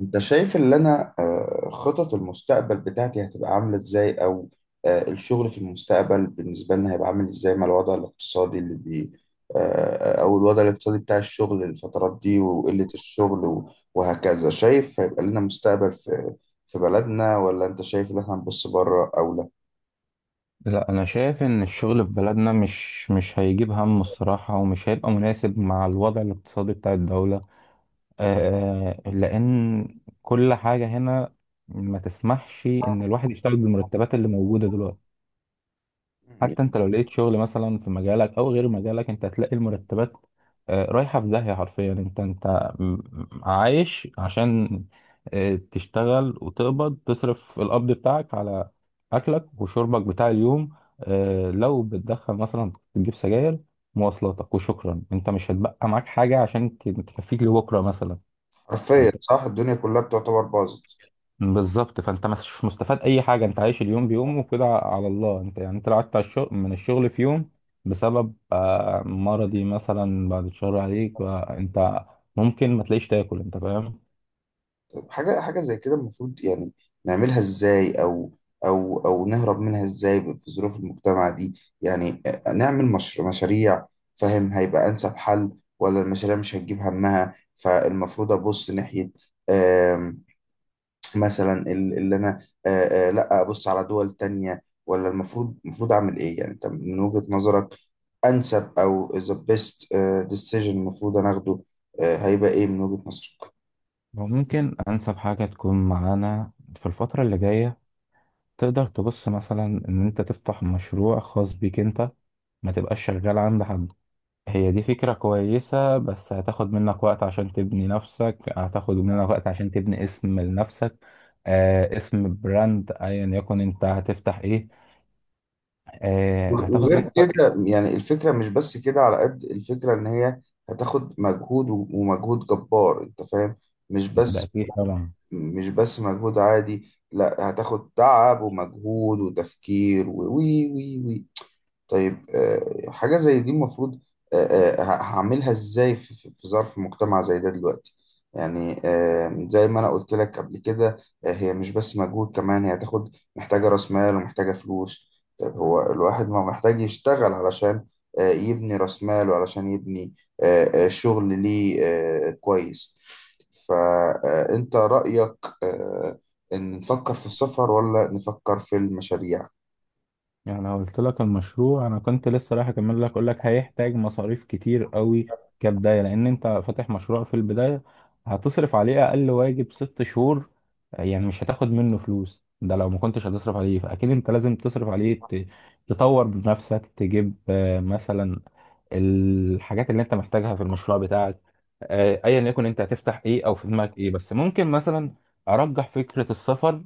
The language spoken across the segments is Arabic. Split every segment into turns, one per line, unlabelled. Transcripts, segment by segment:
انت شايف اللي انا خطط المستقبل بتاعتي هتبقى عاملة ازاي او الشغل في المستقبل بالنسبة لنا هيبقى عامل ازاي مع الوضع الاقتصادي اللي بي آه، آه، او الوضع الاقتصادي بتاع الشغل الفترات دي وقلة الشغل وهكذا، شايف هيبقى لنا مستقبل في بلدنا ولا انت شايف ان احنا هنبص بره او لا؟
لا، انا شايف ان الشغل في بلدنا مش هيجيب همه الصراحه، ومش هيبقى مناسب مع الوضع الاقتصادي بتاع الدوله. لان كل حاجه هنا ما تسمحش ان الواحد يشتغل بالمرتبات اللي موجوده دلوقتي. حتى انت لو لقيت شغل مثلا في مجالك او غير مجالك، انت هتلاقي المرتبات رايحة في داهية حرفيا. م- عايش عشان تشتغل وتقبض، تصرف القبض بتاعك على اكلك وشربك بتاع اليوم. لو بتدخن مثلا تجيب سجاير، مواصلاتك وشكرا. انت مش هتبقى معاك حاجة عشان تكفيك لبكرة مثلا.
حرفيا صح، الدنيا كلها بتعتبر باظت.
بالظبط، فانت مش مستفاد اي حاجه، انت عايش اليوم بيوم وكده على الله. انت يعني انت لو قعدت على الشغل، من الشغل في يوم بسبب مرضي مثلا، بعد شهر عليك بقى انت ممكن ما تلاقيش تاكل، انت فاهم؟
حاجة زي كده المفروض يعني نعملها ازاي او نهرب منها ازاي في ظروف المجتمع دي؟ يعني نعمل مش مشاريع فاهم هيبقى انسب حل؟ ولا المشاريع مش هتجيب همها فالمفروض ابص ناحية. آم، مثلا اللي انا لا ابص على دول تانية ولا المفروض اعمل ايه يعني انت من وجهة نظرك؟ انسب او the best decision المفروض انا اخده هيبقى ايه من وجهة نظرك؟
ممكن انسب حاجه تكون معانا في الفتره اللي جايه، تقدر تبص مثلا ان انت تفتح مشروع خاص بيك انت، ما تبقاش شغال عند حد. هي دي فكرة كويسة، بس هتاخد منك وقت عشان تبني نفسك، هتاخد منك وقت عشان تبني اسم لنفسك، اسم براند ايا يكن انت هتفتح ايه، هتاخد
وغير
منك وقت.
كده يعني الفكرة مش بس كده، على قد الفكرة إن هي هتاخد مجهود ومجهود جبار أنت فاهم. مش
ده
بس
اكيد طبعا.
مش بس مجهود عادي، لا، هتاخد تعب ومجهود وتفكير و وي وي وي طيب حاجة زي دي المفروض آه، هعملها ازاي في في ظرف مجتمع زي ده دلوقتي؟ يعني زي ما انا قلت لك قبل كده، هي مش بس مجهود، كمان هي هتاخد محتاجة راس مال ومحتاجة فلوس. طيب هو الواحد ما محتاج يشتغل علشان يبني راس مال وعلشان يبني شغل ليه كويس؟ فأنت رأيك آه، إن نفكر في السفر ولا نفكر في المشاريع؟
يعني لو قلت لك المشروع، انا كنت لسه رايح اكمل لك، اقول لك هيحتاج مصاريف كتير قوي كبدايه، لان انت فاتح مشروع في البدايه هتصرف عليه اقل واجب 6 شهور. يعني مش هتاخد منه فلوس. ده لو ما كنتش هتصرف عليه، فاكيد انت لازم تصرف عليه، تطور بنفسك، تجيب مثلا الحاجات اللي انت محتاجها في المشروع بتاعك، ايا يكن انت هتفتح ايه او في دماغك ايه. بس ممكن مثلا ارجح فكرة السفر،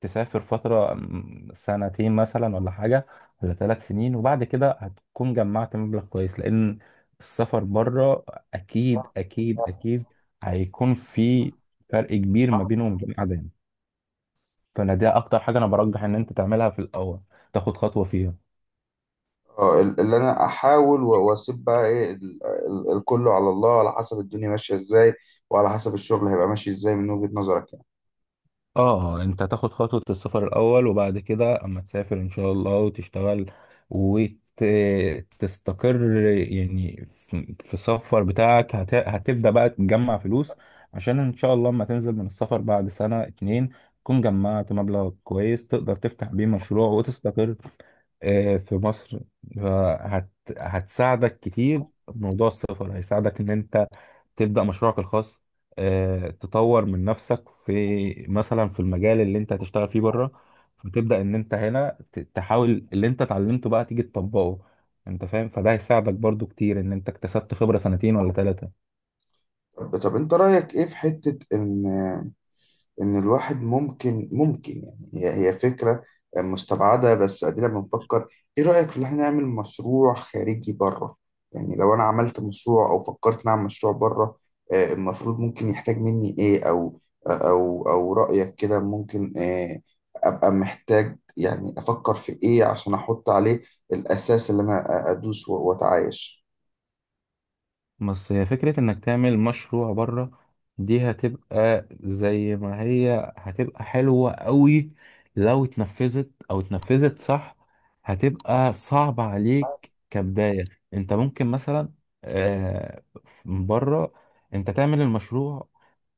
تسافر فترة سنتين مثلا ولا حاجة، ولا 3 سنين، وبعد كده هتكون جمعت مبلغ كويس. لان السفر بره اكيد اكيد اكيد هيكون في فرق كبير ما بينه وما بين قاعدة هنا. فانا دي اكتر حاجة انا برجح ان انت تعملها في الاول، تاخد خطوة فيها.
اه، اللي انا احاول واسيب بقى ايه الكل على الله، على حسب الدنيا ماشيه ازاي وعلى حسب الشغل هيبقى ماشي ازاي من وجهة نظرك يعني؟
اه. انت هتاخد خطوة السفر الاول، وبعد كده اما تسافر ان شاء الله وتشتغل وتستقر، يعني في السفر بتاعك هتبدأ بقى تجمع فلوس عشان ان شاء الله اما تنزل من السفر بعد سنة اتنين تكون جمعت مبلغ كويس تقدر تفتح بيه مشروع وتستقر في مصر. هت هتساعدك كتير، موضوع السفر هيساعدك ان انت تبدأ مشروعك الخاص، تطور من نفسك في مثلا في المجال اللي انت هتشتغل فيه بره. فتبدأ ان انت هنا تحاول اللي انت اتعلمته بقى تيجي تطبقه، انت فاهم؟ فده هيساعدك برضو كتير ان انت اكتسبت خبرة سنتين ولا ثلاثة.
طب انت رايك ايه في حته ان إن الواحد ممكن يعني هي فكرة مستبعدة، بس أدينا بنفكر. إيه رأيك في إن إحنا نعمل مشروع خارجي بره؟ يعني لو أنا عملت مشروع أو فكرت نعمل مشروع بره، المفروض ممكن يحتاج مني إيه أو رأيك كده ممكن أبقى محتاج يعني أفكر في إيه عشان أحط عليه الأساس اللي أنا أدوس وأتعايش؟
بس هي فكرة انك تعمل مشروع بره، دي هتبقى زي ما هي هتبقى حلوة قوي لو اتنفذت، او اتنفذت صح. هتبقى صعبة عليك كبداية. انت ممكن مثلا آه، من بره انت تعمل المشروع،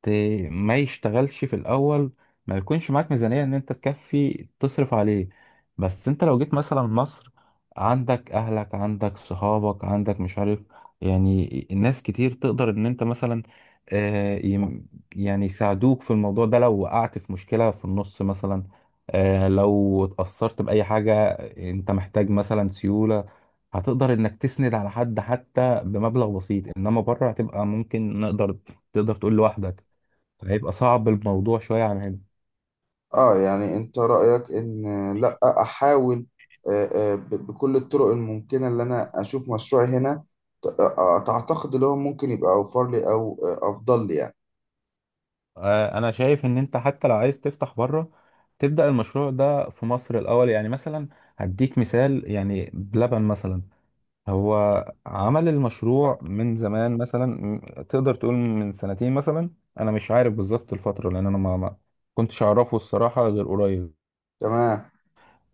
ت- ما يشتغلش في الاول، ما يكونش معاك ميزانية ان انت تكفي تصرف عليه. بس انت لو جيت مثلا مصر، عندك اهلك، عندك صحابك، عندك مش عارف، يعني ناس كتير تقدر ان انت مثلا آه، يم- يعني يساعدوك في الموضوع ده. لو وقعت في مشكلة في النص مثلا، لو اتأثرت بأي حاجة، انت محتاج مثلا سيولة، هتقدر انك تسند على حد حتى بمبلغ بسيط. انما بره هتبقى ممكن تقدر تقول لوحدك هيبقى صعب الموضوع شوية عن هنا.
اه، يعني انت رأيك ان لا احاول آه، بكل الطرق الممكنة اللي انا اشوف مشروعي هنا تعتقد اللي هو ممكن يبقى اوفر لي او افضل لي يعني؟
انا شايف ان انت حتى لو عايز تفتح بره، تبدأ المشروع ده في مصر الاول. يعني مثلا هديك مثال، يعني بلبن مثلا، هو عمل المشروع من زمان مثلا، تقدر تقول من سنتين مثلا، انا مش عارف بالظبط الفتره، لان انا ما كنتش اعرفه الصراحه غير قريب.
تمام.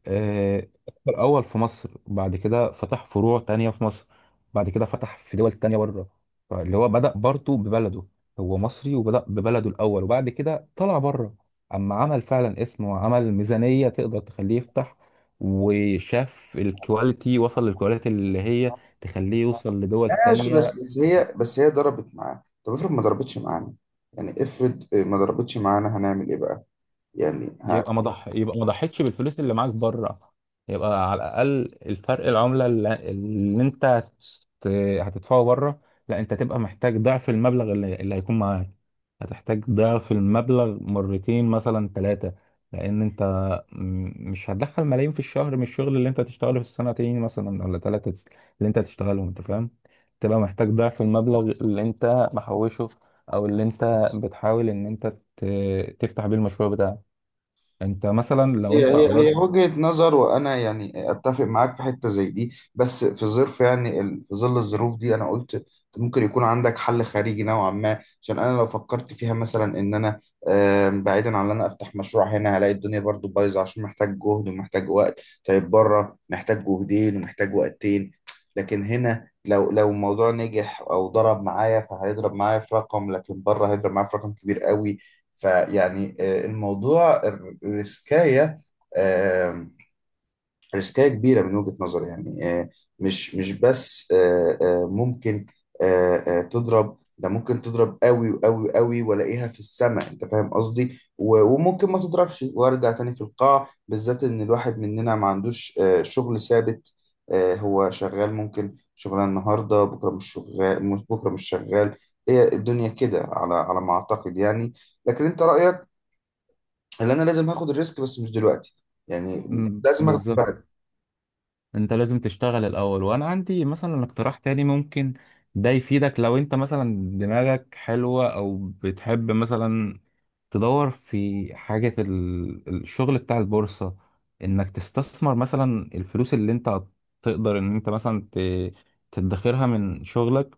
آه، الأول في مصر، بعد كده فتح فروع تانية في مصر، بعد كده فتح في دول تانية بره. فاللي هو بدأ برضه ببلده، هو مصري وبدأ ببلده الأول، وبعد كده طلع بره أما عمل فعلا اسمه وعمل ميزانية تقدر تخليه يفتح، وشاف الكواليتي، وصل للكواليتي اللي هي تخليه يوصل لدول
ماشي، بس
تانية.
بس هي ضربت معاه. طب افرض ما ضربتش معانا، يعني افرض ما ضربتش معانا هنعمل ايه بقى يعني؟
يبقى ما ضح يبقى ما ضحيتش بالفلوس اللي معاك بره، يبقى على الاقل الفرق العمله اللي انت هتدفعه بره. لا، انت تبقى محتاج ضعف المبلغ اللي هيكون معاك. هتحتاج ضعف المبلغ مرتين مثلا ثلاثه، لان انت مش هتدخل ملايين في الشهر من الشغل اللي انت هتشتغله في السنتين مثلا ولا ثلاثه، اللي انت هتشتغلهم، انت فاهم؟ تبقى محتاج ضعف المبلغ اللي انت محوشه، او اللي انت بتحاول ان انت تفتح بيه المشروع بتاعك. انت مثلا لو
هي
انت
هي
قدرت.
هي وجهة نظر، وانا يعني اتفق معاك في حتة زي دي، بس في ظرف يعني في ظل الظروف دي انا قلت أنت ممكن يكون عندك حل خارجي نوعا ما، عشان انا لو فكرت فيها مثلا ان انا بعيدا عن ان انا افتح مشروع هنا هلاقي الدنيا برضو بايظة عشان محتاج جهد ومحتاج وقت. طيب بره محتاج جهدين ومحتاج وقتين. لكن هنا لو الموضوع نجح او ضرب معايا فهيضرب معايا في رقم، لكن بره هيضرب معايا في رقم كبير قوي. فيعني الموضوع الريسكاية آه، ريسكية كبيرة من وجهة نظري يعني مش بس ممكن تضرب، ده ممكن تضرب قوي وقوي قوي والاقيها في السماء انت فاهم قصدي، وممكن ما تضربش وارجع تاني في القاع، بالذات ان الواحد مننا ما عندوش شغل ثابت. هو شغال، ممكن شغلانة النهاردة بكرة مش شغال، مش بكرة مش شغال. هي الدنيا كده على ما اعتقد يعني. لكن انت رأيك ان انا لازم هاخد الريسك بس مش دلوقتي، يعني
مم،
لازم اخد
بالظبط.
بعد.
انت لازم تشتغل الاول. وانا عندي مثلا اقتراح تاني ممكن ده يفيدك، لو انت مثلا دماغك حلوة او بتحب مثلا تدور في حاجة، الشغل بتاع البورصة. انك تستثمر مثلا الفلوس اللي انت تقدر ان انت مثلا تدخرها من شغلك،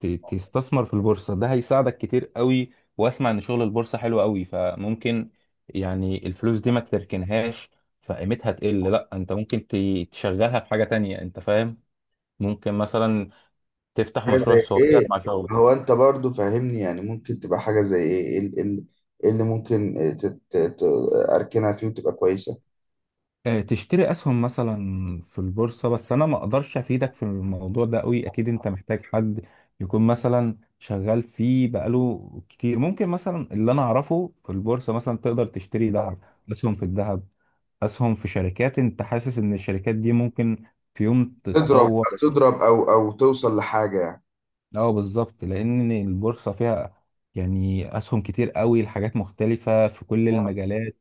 تستثمر في البورصة. ده هيساعدك كتير قوي. واسمع ان شغل البورصة حلو قوي، فممكن يعني الفلوس دي ما تركنهاش فقيمتها تقل، لا انت ممكن تشغلها في حاجة تانية، انت فاهم؟ ممكن مثلا تفتح
حاجة
مشروع
زي
صغير
ايه؟
مع شغلك،
هو انت برضو فاهمني، يعني ممكن تبقى حاجة زي ايه؟ إيه اللي ممكن تت- ت- اركنها فيه وتبقى كويسة؟
تشتري اسهم مثلا في البورصة. بس انا ما اقدرش افيدك في الموضوع ده قوي، اكيد انت محتاج حد يكون مثلا شغال فيه بقاله كتير. ممكن مثلا اللي انا اعرفه في البورصة، مثلا تقدر تشتري ذهب، اسهم في الذهب، اسهم في شركات انت حاسس ان الشركات دي ممكن في يوم
تضرب،
تتطور.
تضرب او توصل لحاجة يعني.
اه، بالظبط. لان البورصه فيها يعني اسهم كتير قوي لحاجات مختلفه في كل المجالات،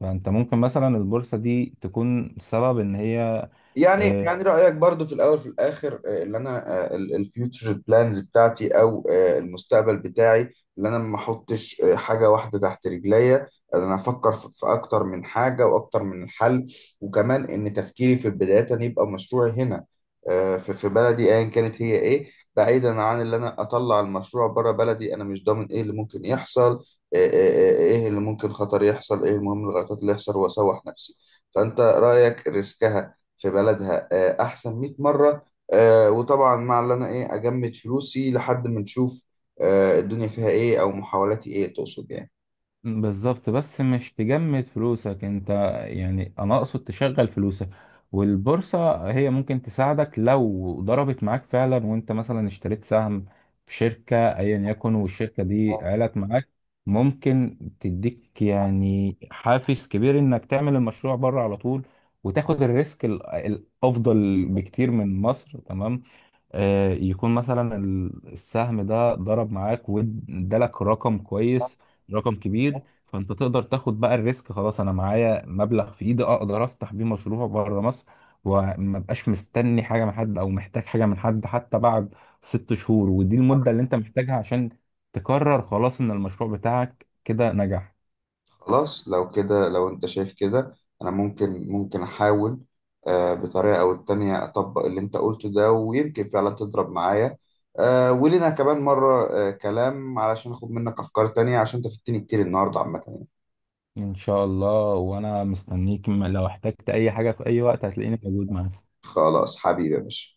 فانت ممكن مثلا البورصه دي تكون سبب ان هي.
يعني
آه،
يعني رأيك برضو في الأول في الآخر اللي أنا الفيوتشر بلانز بتاعتي أو المستقبل بتاعي، اللي أنا ما أحطش حاجة واحدة تحت رجليا، أنا أفكر في أكتر من حاجة وأكتر من الحل، وكمان إن تفكيري في البداية أن يبقى مشروعي هنا في بلدي أيا كانت هي إيه، بعيدا عن اللي أنا أطلع المشروع بره بلدي، أنا مش ضامن إيه اللي ممكن يحصل، إيه اللي ممكن خطر يحصل، إيه المهم الغلطات اللي يحصل وأسوح نفسي. فأنت رأيك ريسكها في بلدها احسن 100 مره. وطبعا مع اللي انا ايه اجمد فلوسي لحد ما نشوف الدنيا فيها ايه او محاولاتي ايه تقصد يعني.
بالظبط. بس مش تجمد فلوسك انت، يعني انا اقصد تشغل فلوسك، والبورصة هي ممكن تساعدك لو ضربت معاك فعلا وانت مثلا اشتريت سهم في شركة ايا يكن والشركة دي علت معاك، ممكن تديك يعني حافز كبير انك تعمل المشروع بره على طول، وتاخد الريسك الافضل بكتير من مصر. تمام، يكون مثلا السهم ده ضرب معاك وادالك رقم كويس، رقم كبير، فانت تقدر تاخد بقى الريسك. خلاص، انا معايا مبلغ في ايدي اقدر افتح بيه مشروع بره مصر، وما بقاش مستني حاجه من حد او محتاج حاجه من حد حتى بعد 6 شهور. ودي المده اللي انت محتاجها عشان تقرر خلاص ان المشروع بتاعك كده نجح.
خلاص، لو كده، لو انت شايف كده انا ممكن احاول بطريقه او التانية اطبق اللي انت قلته ده ويمكن فعلا تضرب معايا، ولنا كمان مره كلام علشان اخد منك افكار تانية، عشان انت فدتني كتير النهارده عامه يعني.
ان شاء الله، وانا مستنيك. لو احتجت اي حاجه في اي وقت هتلاقيني موجود معاك.
خلاص حبيبي يا باشا.